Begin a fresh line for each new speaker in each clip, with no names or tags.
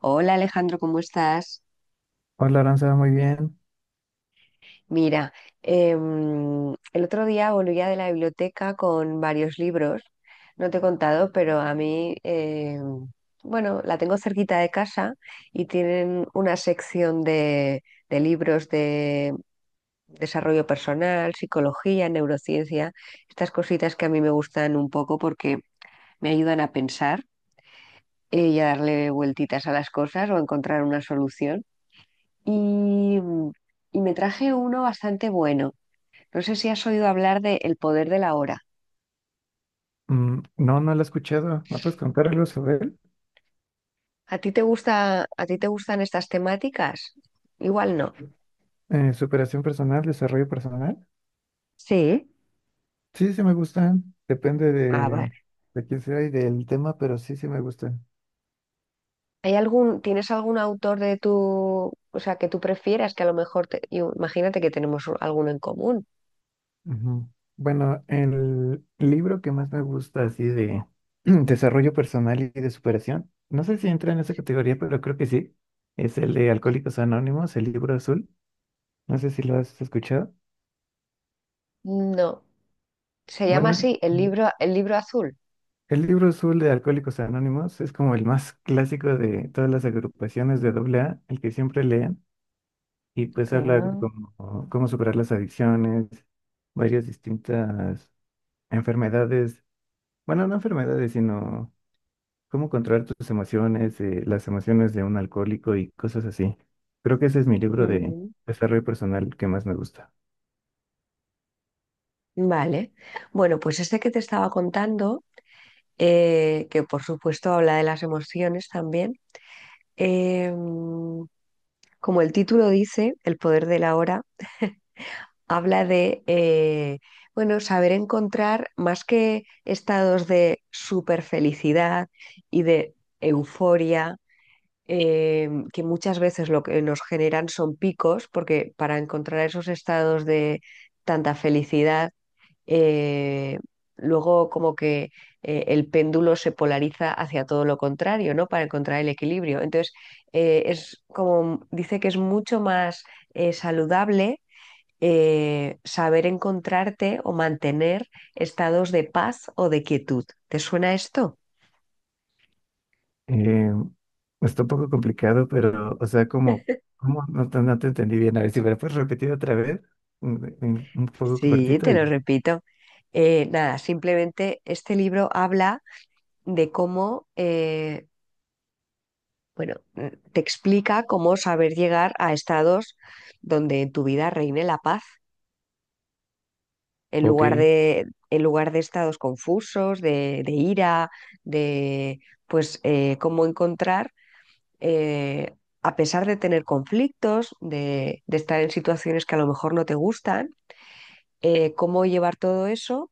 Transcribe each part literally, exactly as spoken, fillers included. Hola, Alejandro, ¿cómo estás?
Hola, Aranza, muy bien.
Mira, em, el otro día volvía de la biblioteca con varios libros. No te he contado, pero a mí, em, bueno, la tengo cerquita de casa y tienen una sección de, de libros de desarrollo personal, psicología, neurociencia, estas cositas que a mí me gustan un poco porque me ayudan a pensar, eh, y a darle vueltitas a las cosas o a encontrar una solución. Y, mm, y me traje uno bastante bueno. No sé si has oído hablar de El poder de la hora.
Mm, no, no la he escuchado. ¿Me puedes contar algo sobre él?
¿A ti te gusta, a ti te gustan estas temáticas? Igual no.
Eh, superación personal, desarrollo personal.
Sí.
Sí, sí me gustan. Depende
Ah, vale.
de, de quién sea y del tema, pero sí, sí me gustan.
¿Hay algún, tienes algún autor de tu, o sea, que tú prefieras que a lo mejor te- yo- imagínate que tenemos u- alguno en común?
Ujú. Bueno, el libro que más me gusta, así de desarrollo personal y de superación, no sé si entra en esa categoría, pero creo que sí. Es el de Alcohólicos Anónimos, el libro azul. No sé si lo has escuchado.
No. Se llama
Bueno, es-
así, el
Ujú.
libro, el libro azul.
El libro azul de Alcohólicos Anónimos es como el más clásico de todas las agrupaciones de A A, el que siempre leen, y pues habla de
Ah.
cómo, cómo superar las adicciones, varias distintas enfermedades, bueno, no enfermedades, sino cómo controlar tus emociones, eh, las emociones de un alcohólico y cosas así. Creo que ese es mi libro de
Ujú.
desarrollo personal que más me gusta.
Vale. Bueno, pues este que te estaba contando, eh, que por supuesto habla de las emociones también. Em, como el título dice, El poder de la hora, habla de, eh, bueno, saber encontrar más que estados de super felicidad y de euforia, em, que muchas veces lo que nos generan son picos, porque para encontrar esos estados de tanta felicidad, eh, luego como que eh, el péndulo se polariza hacia todo lo contrario, ¿no? Para encontrar el equilibrio. Entonces, eh, es como dice que es mucho más eh, saludable, eh, saber encontrarte o mantener estados de paz o de quietud. ¿Te suena esto?
Eh, Está un poco complicado, pero, o sea, como, ¿cómo? No, te no te entendí bien. A ver si me lo puedes repetir otra vez, un, un- un poco
Sí,
cortito
te lo
y...
repito. Eh, nada, simplemente este libro habla de cómo, eh, bueno, mm, te explica cómo saber llegar a estados donde en tu vida reine la paz, en
Ok,
lugar de, en lugar de estados confusos, de, de ira, de, pues eh, cómo encontrar, eh, a pesar de tener conflictos, de, de estar en situaciones que a lo mejor no te gustan, eh, cómo llevar todo eso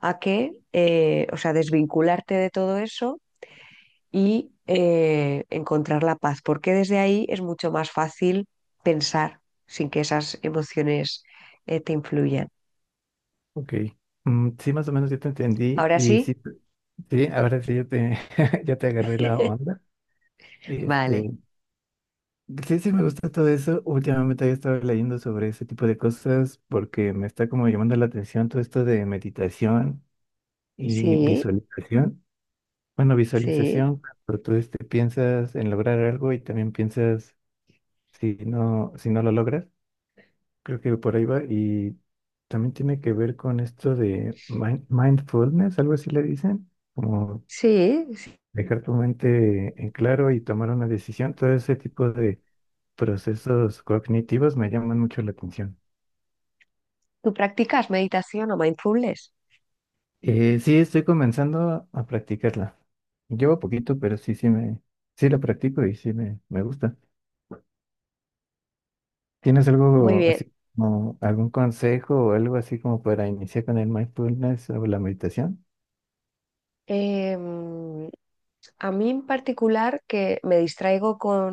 a que, eh, o sea, desvincularte de todo eso y, eh, encontrar la paz, porque desde ahí es mucho más fácil pensar sin que esas emociones, eh, te influyan.
ok. Mm, sí, más o menos yo te entendí
¿Ahora
y
sí?
sí, te- sí, ahora sí ya te, ya te agarré la onda. Este,
Vale.
sí, sí, me gusta todo eso. Últimamente había estado leyendo sobre ese tipo de cosas porque me está como llamando la atención todo esto de meditación y
Sí,
visualización. Bueno,
sí,
visualización, pero tú este, piensas en lograr algo y también piensas si no, si no lo logras. Creo que por ahí va. Y también tiene que ver con esto de mind- mindfulness, algo así le dicen, como
sí.
dejar tu mente en claro y tomar una decisión. Todo ese tipo de procesos cognitivos me llaman mucho la atención.
¿Tú practicas meditación o mindfulness?
Eh, sí, estoy comenzando a practicarla. Llevo poquito, pero sí, sí me, sí la practico y sí me, me gusta. ¿Tienes
Muy
algo
bien.
así como algún consejo o algo así como para iniciar con el mindfulness o la meditación?
Em, a mí en particular que me distraigo con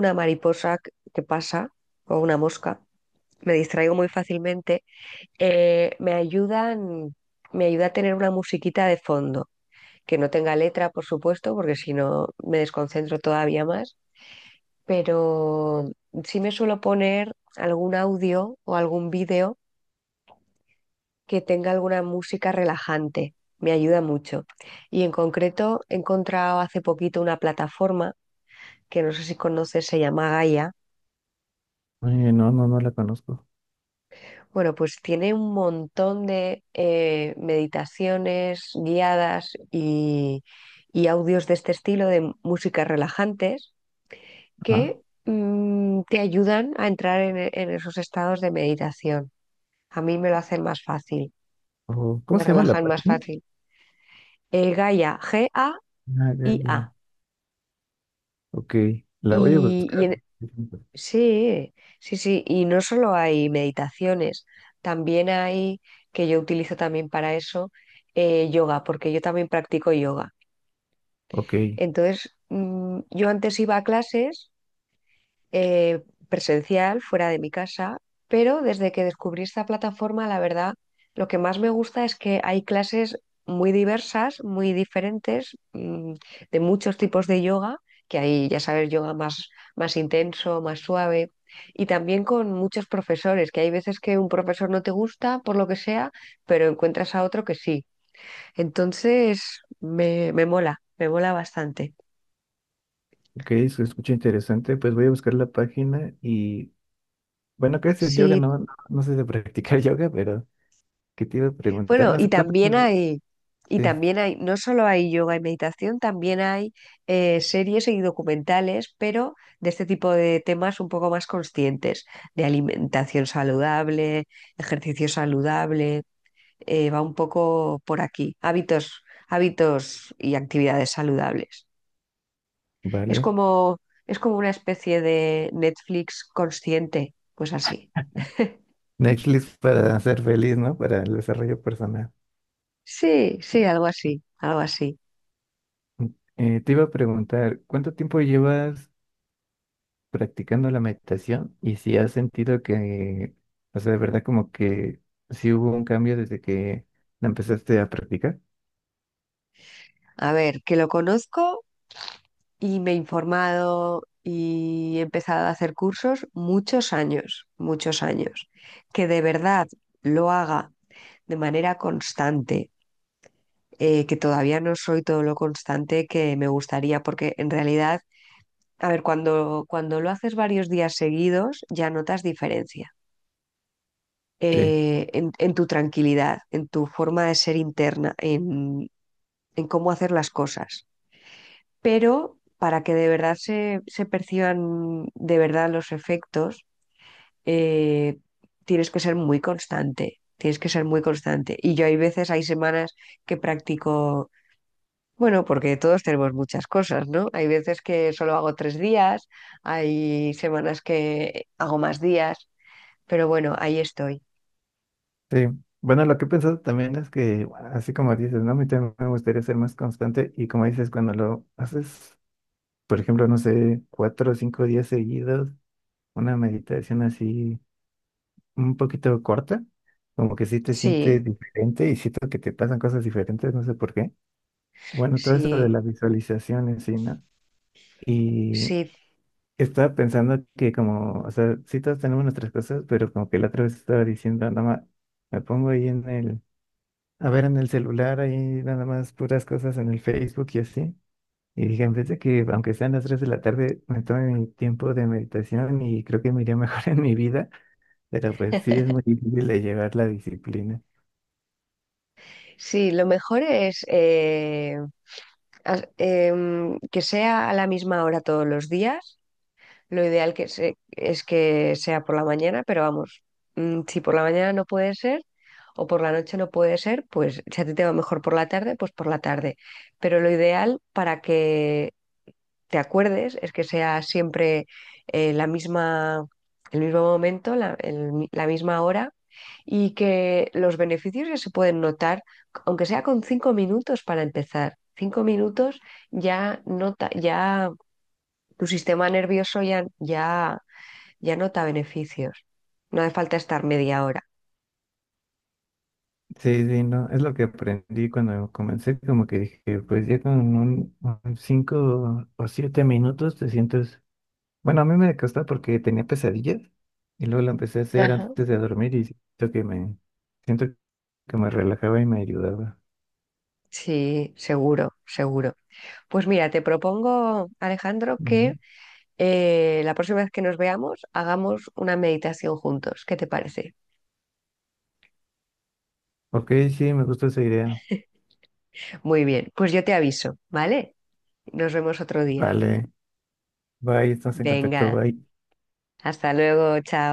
una mariposa que que pasa o una mosca, me distraigo muy fácilmente. Eh, me ayudan, me ayuda a tener una musiquita de fondo, que no tenga letra, por supuesto, porque si no me desconcentro todavía más, pero sí me suelo poner algún audio o algún vídeo que tenga alguna música relajante. Me ayuda mucho. Y en concreto he encontrado hace poquito una plataforma que no sé si conoces, se llama Gaia.
Oye, no, no, no la conozco.
Bueno, pues tiene un montón de, eh, meditaciones guiadas y, y audios de este estilo de músicas relajantes
Ajá.
que, mm, te ayudan a entrar en, e- en esos estados de meditación. A mí me lo hacen más fácil,
O, ¿cómo
me
se llama la
relajan más
página?
fácil. El Gaia, G A I A.
Ah, ya, ya. Ok, la voy a
Y,
buscar.
sí, sí, sí. Y no solo hay meditaciones, también hay, que yo utilizo también para eso, eh, yoga, porque yo también practico yoga.
Ok,
Entonces, mm, yo antes iba a clases, eh, presencial, fuera de mi casa, pero desde que descubrí esta plataforma, la verdad, lo que más me gusta es que hay clases muy diversas, muy diferentes, mm, de muchos tipos de yoga, que hay, ya sabes, yoga más, más intenso, más suave. Y también con muchos profesores, que hay veces que un profesor no te gusta por lo que sea, pero encuentras a otro que sí. Entonces, me, me mola, me mola bastante.
ok, se escucha interesante. Pues voy a buscar la página y bueno, ¿qué es el yoga?
Si
No, no, no sé de practicar yoga, pero que te iba a preguntar
bueno, y
más cuánto.
también hay, y
te- Sí,
también hay, no solo hay yoga y meditación, también hay, eh, series y documentales, pero de este tipo de temas un poco más conscientes, de alimentación saludable, ejercicio saludable, eh, va un poco por aquí, hábitos, hábitos y actividades saludables. Es
vale.
como, es como una especie de Netflix consciente, pues así.
Netflix para ser feliz, ¿no? Para el desarrollo personal.
Sí, sí, algo así, algo así.
Eh, te iba a preguntar, ¿cuánto tiempo llevas practicando la meditación? Y si has sentido que, o sea, de verdad como que sí hubo un cambio desde que la empezaste a practicar.
A ver, que lo conozco y me he informado y he empezado a hacer cursos muchos años, muchos años. Que de verdad lo haga de manera constante, eh, que todavía no soy todo lo constante que me gustaría, porque en realidad, a ver, cuando, cuando lo haces varios días seguidos, ya notas diferencia.
Sí,
eh, en, en tu tranquilidad, en tu forma de ser interna, en, en cómo hacer las cosas. Pero para que de verdad se, se perciban de verdad los efectos, eh, tienes que ser muy constante, tienes que ser muy constante. Y yo hay veces, hay semanas que practico, bueno, porque todos tenemos muchas cosas, ¿no? Hay veces que solo hago tres días, hay semanas que hago más días, pero bueno, ahí estoy.
sí. Bueno, lo que he pensado también es que, bueno, así como dices, ¿no? A mí también me gustaría ser más constante y como dices, cuando lo haces, por ejemplo, no sé, cuatro o cinco días seguidos, una meditación así un poquito corta, como que sí te
Sí,
sientes diferente y siento que te pasan cosas diferentes, no sé por qué. Bueno, todo eso de
sí,
las visualizaciones, sí, ¿no? Y
sí,
estaba pensando que como, o sea, sí todos tenemos nuestras cosas, pero como que la otra vez estaba diciendo, nada más, me pongo ahí en el, a ver en el celular, ahí nada más puras cosas en el Facebook y así. Y dije, en vez de que, aunque sean las tres de la tarde, me tome mi tiempo de meditación y creo que me iría mejor en mi vida, pero pues sí es muy difícil de llevar la disciplina.
sí, lo mejor es, eh, as- em, que sea a la misma hora todos los días. Lo ideal que se- es que sea por la mañana, pero vamos, mm, si por la mañana no puede ser o por la noche no puede ser, pues si a ti te va mejor por la tarde, pues por la tarde. Pero lo ideal para que te acuerdes es que sea siempre, eh, la misma, el mismo momento, la, el mi- la misma hora y que los beneficios ya se pueden notar, aunque sea con cinco minutos para empezar. Cinco minutos ya nota, ya tu sistema nervioso ya, ya, ya nota beneficios. No hace falta estar media hora.
Sí, sí, no, es lo que aprendí cuando comencé, como que dije, pues ya con un, un cinco o siete minutos te sientes, bueno, a mí me costó porque tenía pesadillas y luego lo empecé a hacer
Ajá.
antes de dormir y siento que me, siento que me relajaba y me ayudaba.
Sí, seguro, seguro. Pues mira, te propongo, Alejandro,
Ujú.
que, eh, la próxima vez que nos veamos hagamos una meditación juntos. ¿Qué te parece?
Ok, sí, me gusta esa idea.
Muy bien, pues yo te aviso, ¿vale? Nos vemos otro día.
Vale, bye, estamos en contacto,
Venga,
bye.
hasta luego, chao.